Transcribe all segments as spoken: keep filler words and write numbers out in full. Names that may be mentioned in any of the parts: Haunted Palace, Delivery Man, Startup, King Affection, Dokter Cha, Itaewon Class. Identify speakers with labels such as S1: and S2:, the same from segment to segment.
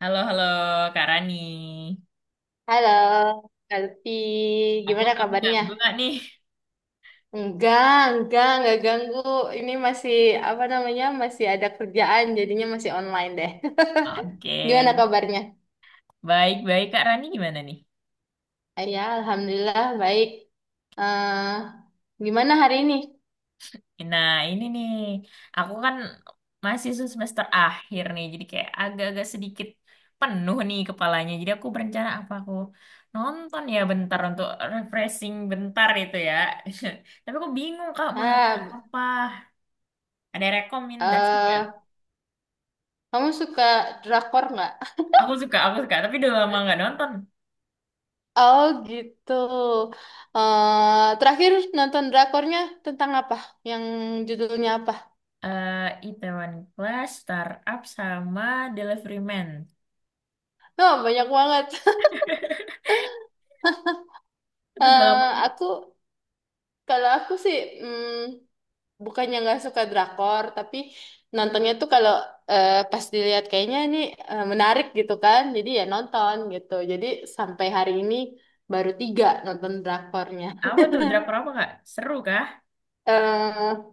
S1: Halo, halo Kak Rani.
S2: Halo, Kalpi.
S1: Aku
S2: Gimana
S1: aku
S2: kabarnya?
S1: ganggu nggak nih?
S2: Enggak, enggak, enggak ganggu. Ini masih apa namanya? Masih ada kerjaan, jadinya masih online deh.
S1: Oke.
S2: Gimana kabarnya?
S1: Baik-baik Kak Rani gimana nih?
S2: Ah, Ya, alhamdulillah baik. eh Gimana hari ini?
S1: Nah, ini nih. Aku kan masih semester akhir nih, jadi kayak agak-agak sedikit penuh nih kepalanya. Jadi aku berencana apa aku nonton ya bentar untuk refreshing bentar itu ya. Tapi aku bingung Kak mau nonton
S2: Ah,
S1: apa. Ada rekomendasi nggak?
S2: eh Kamu suka drakor nggak?
S1: Aku suka, aku suka, tapi udah lama nggak nonton.
S2: Oh, gitu. Eh terakhir nonton drakornya tentang apa? Yang judulnya apa?
S1: eh Itaewon Class, Startup, sama Delivery Man.
S2: Oh, banyak banget.
S1: Tapi udah lama
S2: eh
S1: banget.
S2: aku Kalau aku sih, mm, bukannya nggak suka drakor, tapi nontonnya tuh kalau eh, pas dilihat kayaknya ini eh, menarik gitu kan, jadi ya nonton gitu. Jadi sampai hari ini baru tiga nonton drakornya.
S1: Apa tuh? Drakor apa, Kak? Seru kah?
S2: eh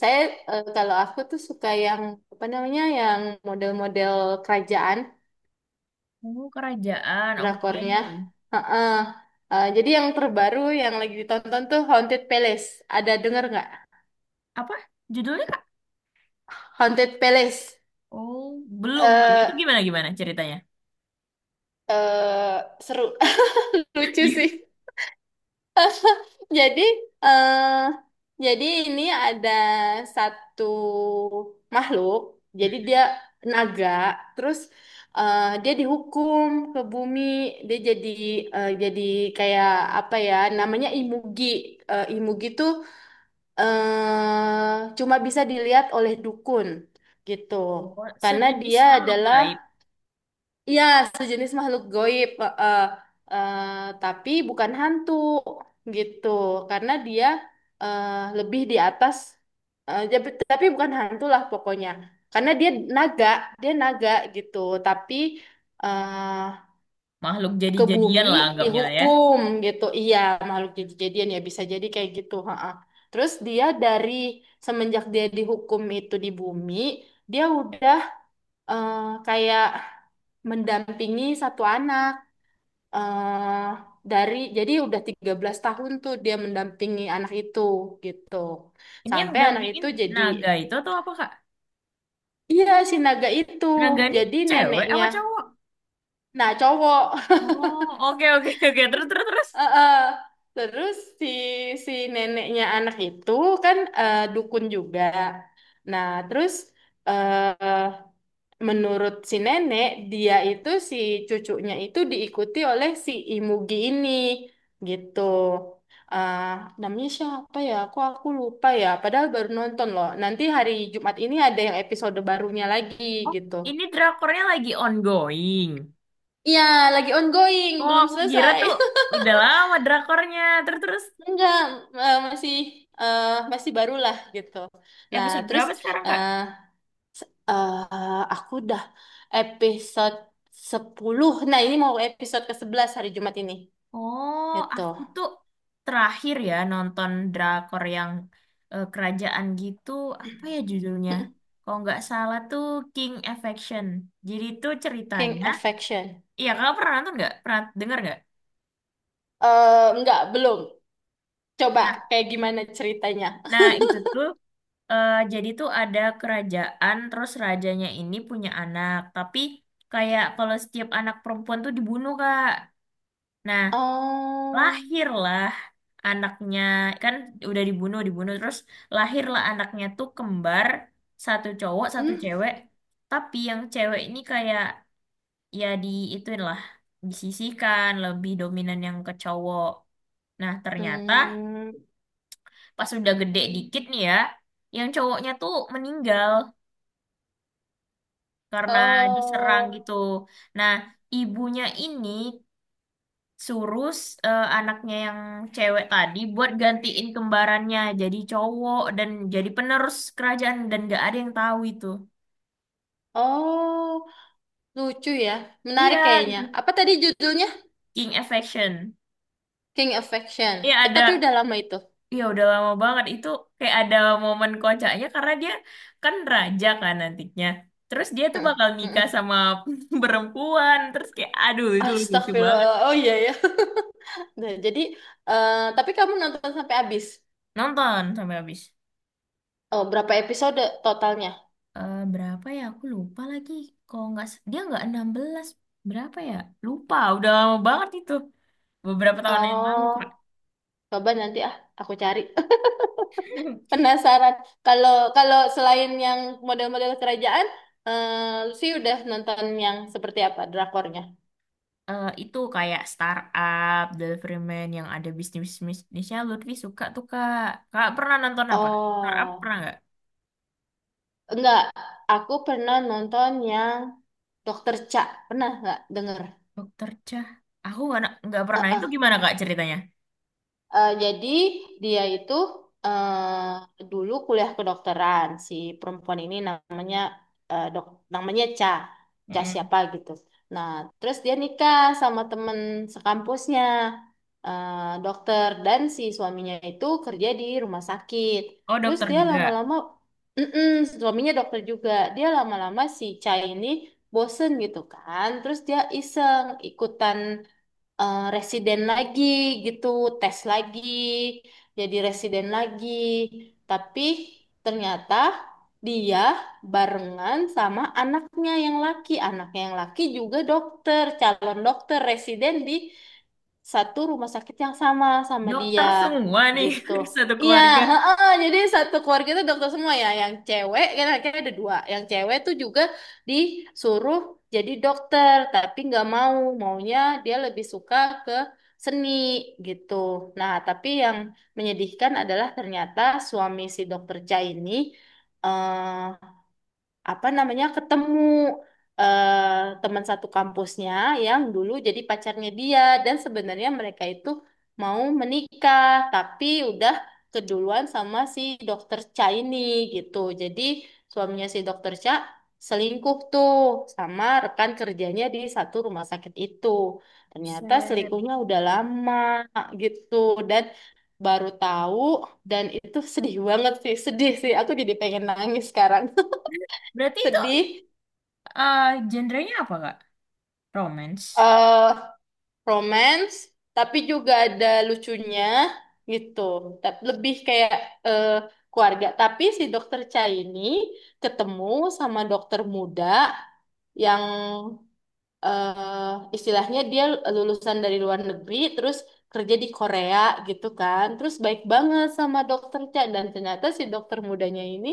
S2: saya eh, Kalau aku tuh suka yang apa namanya, yang model-model kerajaan
S1: Oh, kerajaan. Oke.
S2: drakornya. Heeh. Eh, jadi yang terbaru yang lagi ditonton tuh Haunted Palace. Ada denger nggak?
S1: Apa judulnya, Kak?
S2: Haunted Palace.
S1: Oh, belum, belum. Itu
S2: Eh,
S1: gimana gimana ceritanya?
S2: eh Seru, lucu
S1: Gitu.
S2: sih, jadi eh jadi ini ada satu makhluk, jadi dia naga. Terus eh dia dihukum ke bumi, dia jadi eh, jadi kayak apa ya, namanya imugi. Eh, imugi tuh eh cuma bisa dilihat oleh dukun gitu,
S1: Oh,
S2: karena
S1: sejenis
S2: dia
S1: makhluk
S2: adalah,
S1: gaib.
S2: iya, sejenis makhluk goib, eh, eh, eh, tapi bukan hantu gitu, karena dia eh, lebih di atas, eh, jap- tapi bukan hantu lah pokoknya, karena dia naga, dia naga gitu, tapi eh,
S1: Makhluk
S2: ke
S1: jadi-jadian
S2: bumi
S1: lah anggapnya ya.
S2: dihukum gitu, iya, makhluk jadi-jadian ya bisa jadi kayak gitu, heeh. Terus dia dari semenjak dia dihukum itu di bumi, dia udah eh, kayak mendampingi satu anak eh dari, jadi udah tiga belas tahun tuh dia mendampingi anak itu gitu.
S1: Ini yang
S2: Sampai anak
S1: dampingin
S2: itu jadi,
S1: naga itu atau apa, Kak?
S2: iya si naga itu.
S1: Naga ini
S2: Jadi
S1: cewek
S2: neneknya.
S1: apa cowok?
S2: Nah, cowok.
S1: Oh, oke oke oke. Terus terus terus.
S2: Eh, eh. Terus si si neneknya anak itu kan eh, dukun juga. Nah, terus eh menurut si nenek, dia itu si cucunya itu diikuti oleh si Imugi ini gitu. ah Namanya siapa ya? Aku aku lupa ya. Padahal baru nonton loh. Nanti hari Jumat ini ada yang episode barunya lagi
S1: Oh,
S2: gitu.
S1: ini drakornya lagi ongoing.
S2: Iya, lagi ongoing,
S1: Oh,
S2: belum
S1: aku kira
S2: selesai.
S1: tuh udah lama drakornya. Terus terus
S2: Enggak, eh, masih eh, masih barulah gitu. Nah,
S1: episode
S2: terus
S1: berapa sekarang, Kak?
S2: eh eh, aku udah episode sepuluh. Nah, ini mau episode ke sebelas hari Jumat ini.
S1: Oh,
S2: Gitu.
S1: aku tuh terakhir ya nonton drakor yang eh, kerajaan gitu. Apa ya judulnya? Kalau nggak salah tuh King Affection. Jadi tuh
S2: King
S1: ceritanya,
S2: Affection.
S1: iya kakak pernah nonton nggak? Pernah dengar nggak?
S2: Eh enggak, belum. Coba
S1: Nah,
S2: kayak gimana ceritanya?
S1: nah itu tuh eh, jadi tuh ada kerajaan, terus rajanya ini punya anak, tapi kayak kalau setiap anak perempuan tuh dibunuh, Kak. Nah,
S2: Um,
S1: lahirlah anaknya kan udah dibunuh dibunuh terus lahirlah anaknya tuh kembar satu cowok satu
S2: hmm,
S1: cewek tapi yang cewek ini kayak ya di ituin lah disisihkan lebih dominan yang ke cowok nah ternyata
S2: hmm,
S1: pas udah gede dikit nih ya yang cowoknya tuh meninggal karena diserang
S2: oh,
S1: gitu nah ibunya ini suruh s- eh, anaknya yang cewek tadi buat gantiin kembarannya jadi cowok dan jadi penerus kerajaan dan gak ada yang tahu itu.
S2: oh, lucu ya,
S1: Iya,
S2: menarik kayaknya.
S1: itu
S2: Apa tadi judulnya?
S1: King Affection.
S2: King Affection.
S1: Iya
S2: Eh,
S1: ada,
S2: tapi udah lama itu.
S1: ya udah lama banget itu kayak ada momen kocaknya karena dia kan raja kan nantinya. Terus dia tuh
S2: Hmm,
S1: bakal nikah
S2: hmm.
S1: sama perempuan. Terus kayak aduh itu lucu banget.
S2: Astagfirullah. Oh iya ya. Nah, jadi, eh tapi kamu nonton sampai habis.
S1: Nonton sampai habis.
S2: Oh, berapa episode totalnya?
S1: eh, berapa ya? Aku lupa lagi. Kalau nggak s- dia nggak enam belas berapa ya? Lupa. Udah lama banget itu. Beberapa tahun yang lalu, Kak.
S2: Oh, coba nanti, ah, aku cari. Penasaran. Kalau kalau selain yang model-model kerajaan, eh, Lucy udah nonton yang seperti apa drakornya?
S1: Eh, itu kayak startup, deliveryman yang ada bisnis-bisnisnya Lutfi suka tuh Kak. Kak pernah nonton apa? Startup
S2: Oh,
S1: pernah nggak?
S2: enggak. Aku pernah nonton yang Dokter Cha. Pernah nggak denger?
S1: Dokter Cah. Aku nggak na- nggak pernah. Itu gimana Kak ceritanya?
S2: Eh, jadi dia itu eh, dulu kuliah kedokteran. Si perempuan ini namanya eh, dok, namanya Ca, Ca siapa
S1: Mm-mm.
S2: gitu. Nah, terus dia nikah sama temen sekampusnya, eh, dokter, dan si suaminya itu kerja di rumah sakit.
S1: Oh
S2: Terus
S1: dokter
S2: dia
S1: juga.
S2: lama-lama, mm-mm, suaminya dokter juga. Dia lama-lama si Ca ini bosen gitu kan. Terus dia iseng ikutan eh, residen lagi gitu, tes lagi, jadi residen lagi. Tapi ternyata dia barengan sama anaknya yang laki. Anaknya yang laki juga dokter, calon dokter residen di satu rumah sakit yang sama sama dia
S1: Dokter semua nih
S2: gitu.
S1: satu
S2: Iya,
S1: keluarga.
S2: heeh, jadi satu keluarga itu dokter semua ya. Yang cewek kan akhirnya ada dua. Yang cewek tuh juga disuruh jadi dokter, tapi nggak mau, maunya dia lebih suka ke seni gitu. Nah, tapi yang menyedihkan adalah ternyata suami si dokter Cha ini eh, apa namanya ketemu eh, teman satu kampusnya yang dulu jadi pacarnya dia, dan sebenarnya mereka itu mau menikah tapi udah keduluan sama si dokter Cha ini gitu. Jadi suaminya si dokter Cha selingkuh tuh sama rekan kerjanya di satu rumah sakit itu. Ternyata
S1: Set.
S2: selingkuhnya udah lama gitu dan baru tahu, dan itu sedih banget sih, sedih sih. Aku jadi pengen nangis sekarang,
S1: Berarti itu
S2: sedih,
S1: eh genrenya apa Kak? Romance.
S2: eh romance, tapi juga ada lucunya gitu. Tapi lebih kayak eh, keluarga. Tapi si dokter Cha ini ketemu sama dokter muda yang eh istilahnya dia lulusan dari luar negeri, terus kerja di Korea gitu kan, terus baik banget sama dokter Cha, dan ternyata si dokter mudanya ini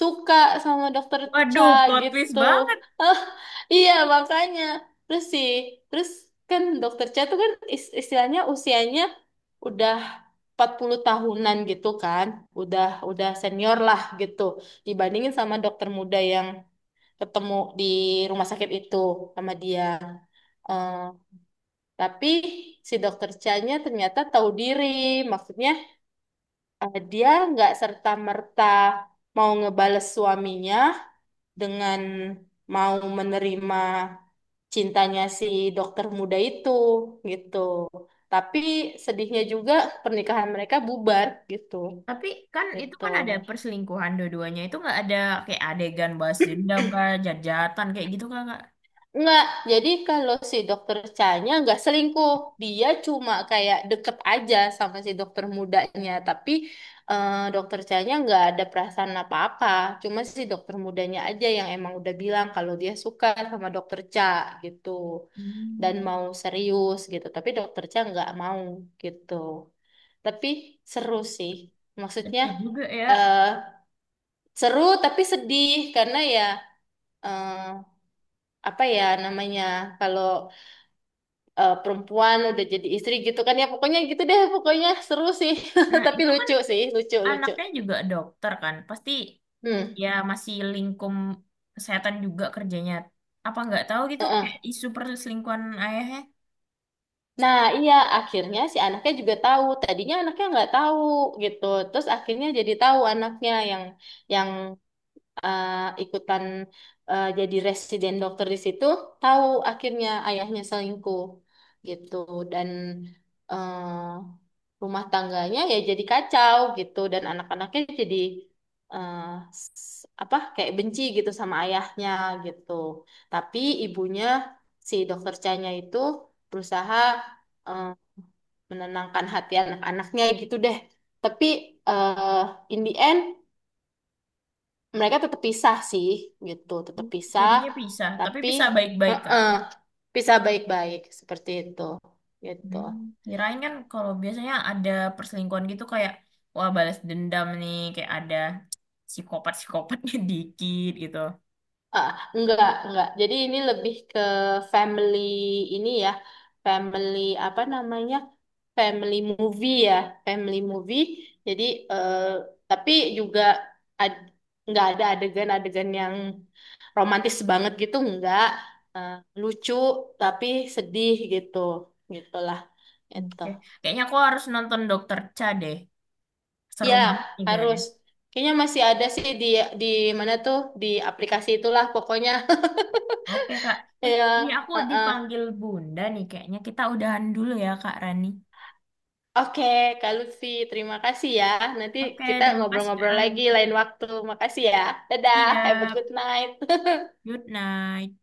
S2: suka sama dokter Cha
S1: Waduh, plot twist
S2: gitu.
S1: banget.
S2: Ah, iya, makanya terus sih terus kan dokter Cha tuh kan is- istilahnya usianya udah empat puluh tahunan gitu kan, udah udah senior lah gitu, dibandingin sama dokter muda yang ketemu di rumah sakit itu sama dia. Eh, tapi si dokter Chanya ternyata tahu diri, maksudnya eh, dia nggak serta-merta mau ngebales suaminya dengan mau menerima cintanya si dokter muda itu gitu. Tapi sedihnya juga pernikahan mereka bubar gitu.
S1: Tapi kan itu
S2: Gitu.
S1: kan ada perselingkuhan dua-duanya. Itu nggak ada kayak adegan balas dendam kak, jat-jatan kayak gitu kak, Kak.
S2: Enggak, jadi kalau si dokter Chanya enggak selingkuh. Dia cuma kayak deket aja sama si dokter mudanya. Tapi eh, dokter Chanya enggak ada perasaan apa-apa. Cuma si dokter mudanya aja yang emang udah bilang kalau dia suka sama dokter Cha gitu. Dan
S1: Hmm,
S2: mau serius gitu. Tapi dokter Cha enggak mau gitu. Tapi seru sih. Maksudnya
S1: sedih juga ya.
S2: eh seru tapi sedih, karena ya eh, apa ya namanya, kalau eh, perempuan udah jadi istri gitu kan, ya pokoknya gitu deh, pokoknya seru sih.
S1: Nah
S2: Tapi
S1: itu kan
S2: lucu sih, lucu lucu.
S1: anaknya juga dokter kan. Pasti
S2: Hmm,
S1: ya masih lingkup kesehatan juga kerjanya. Apa nggak tahu gitu
S2: heeh.
S1: kayak isu perselingkuhan ayahnya.
S2: Nah iya, akhirnya si anaknya juga tahu, tadinya anaknya nggak tahu gitu, terus akhirnya jadi tahu, anaknya yang yang eh, ikutan eh, jadi residen dokter di situ tahu akhirnya ayahnya selingkuh gitu. Dan eh, rumah tangganya ya jadi kacau gitu, dan anak-anaknya jadi eh, s- apa kayak benci gitu sama ayahnya gitu. Tapi ibunya si dokter Chanya itu berusaha eh, menenangkan hati anak-anaknya gitu deh. Tapi eh in the end mereka tetap pisah sih gitu, tetap
S1: Hmm,
S2: pisah.
S1: jadinya bisa. Tapi
S2: Tapi
S1: bisa baik-baik kak.
S2: heeh, pisah baik-baik seperti itu gitu.
S1: Hmm, kirain kan kalau biasanya ada perselingkuhan gitu kayak wah balas dendam nih kayak ada psikopat-psikopatnya dikit gitu.
S2: ah enggak enggak jadi ini lebih ke family, ini ya, family apa namanya, family movie ya, family movie. Jadi eh, tapi juga ad- enggak ada adegan-adegan yang romantis banget gitu, enggak. Eh, Lucu tapi sedih gitu, gitulah itu.
S1: Oke, kayaknya aku harus nonton Dokter Cha deh. Seru
S2: Ya,
S1: banget nih kayaknya.
S2: harus. Kayaknya masih ada sih di di mana tuh, di aplikasi itulah pokoknya.
S1: Oke Kak. Eh, iya
S2: Ya,
S1: aku
S2: heeh.
S1: dipanggil Bunda nih kayaknya. Kita udahan dulu ya Kak Rani.
S2: Oke, Kak Lutfi, terima kasih ya. Nanti
S1: Oke,
S2: kita
S1: terima kasih Kak
S2: ngobrol-ngobrol
S1: Rani.
S2: lagi lain waktu. Makasih ya. Dadah, have a
S1: Siap.
S2: good night.
S1: Good night.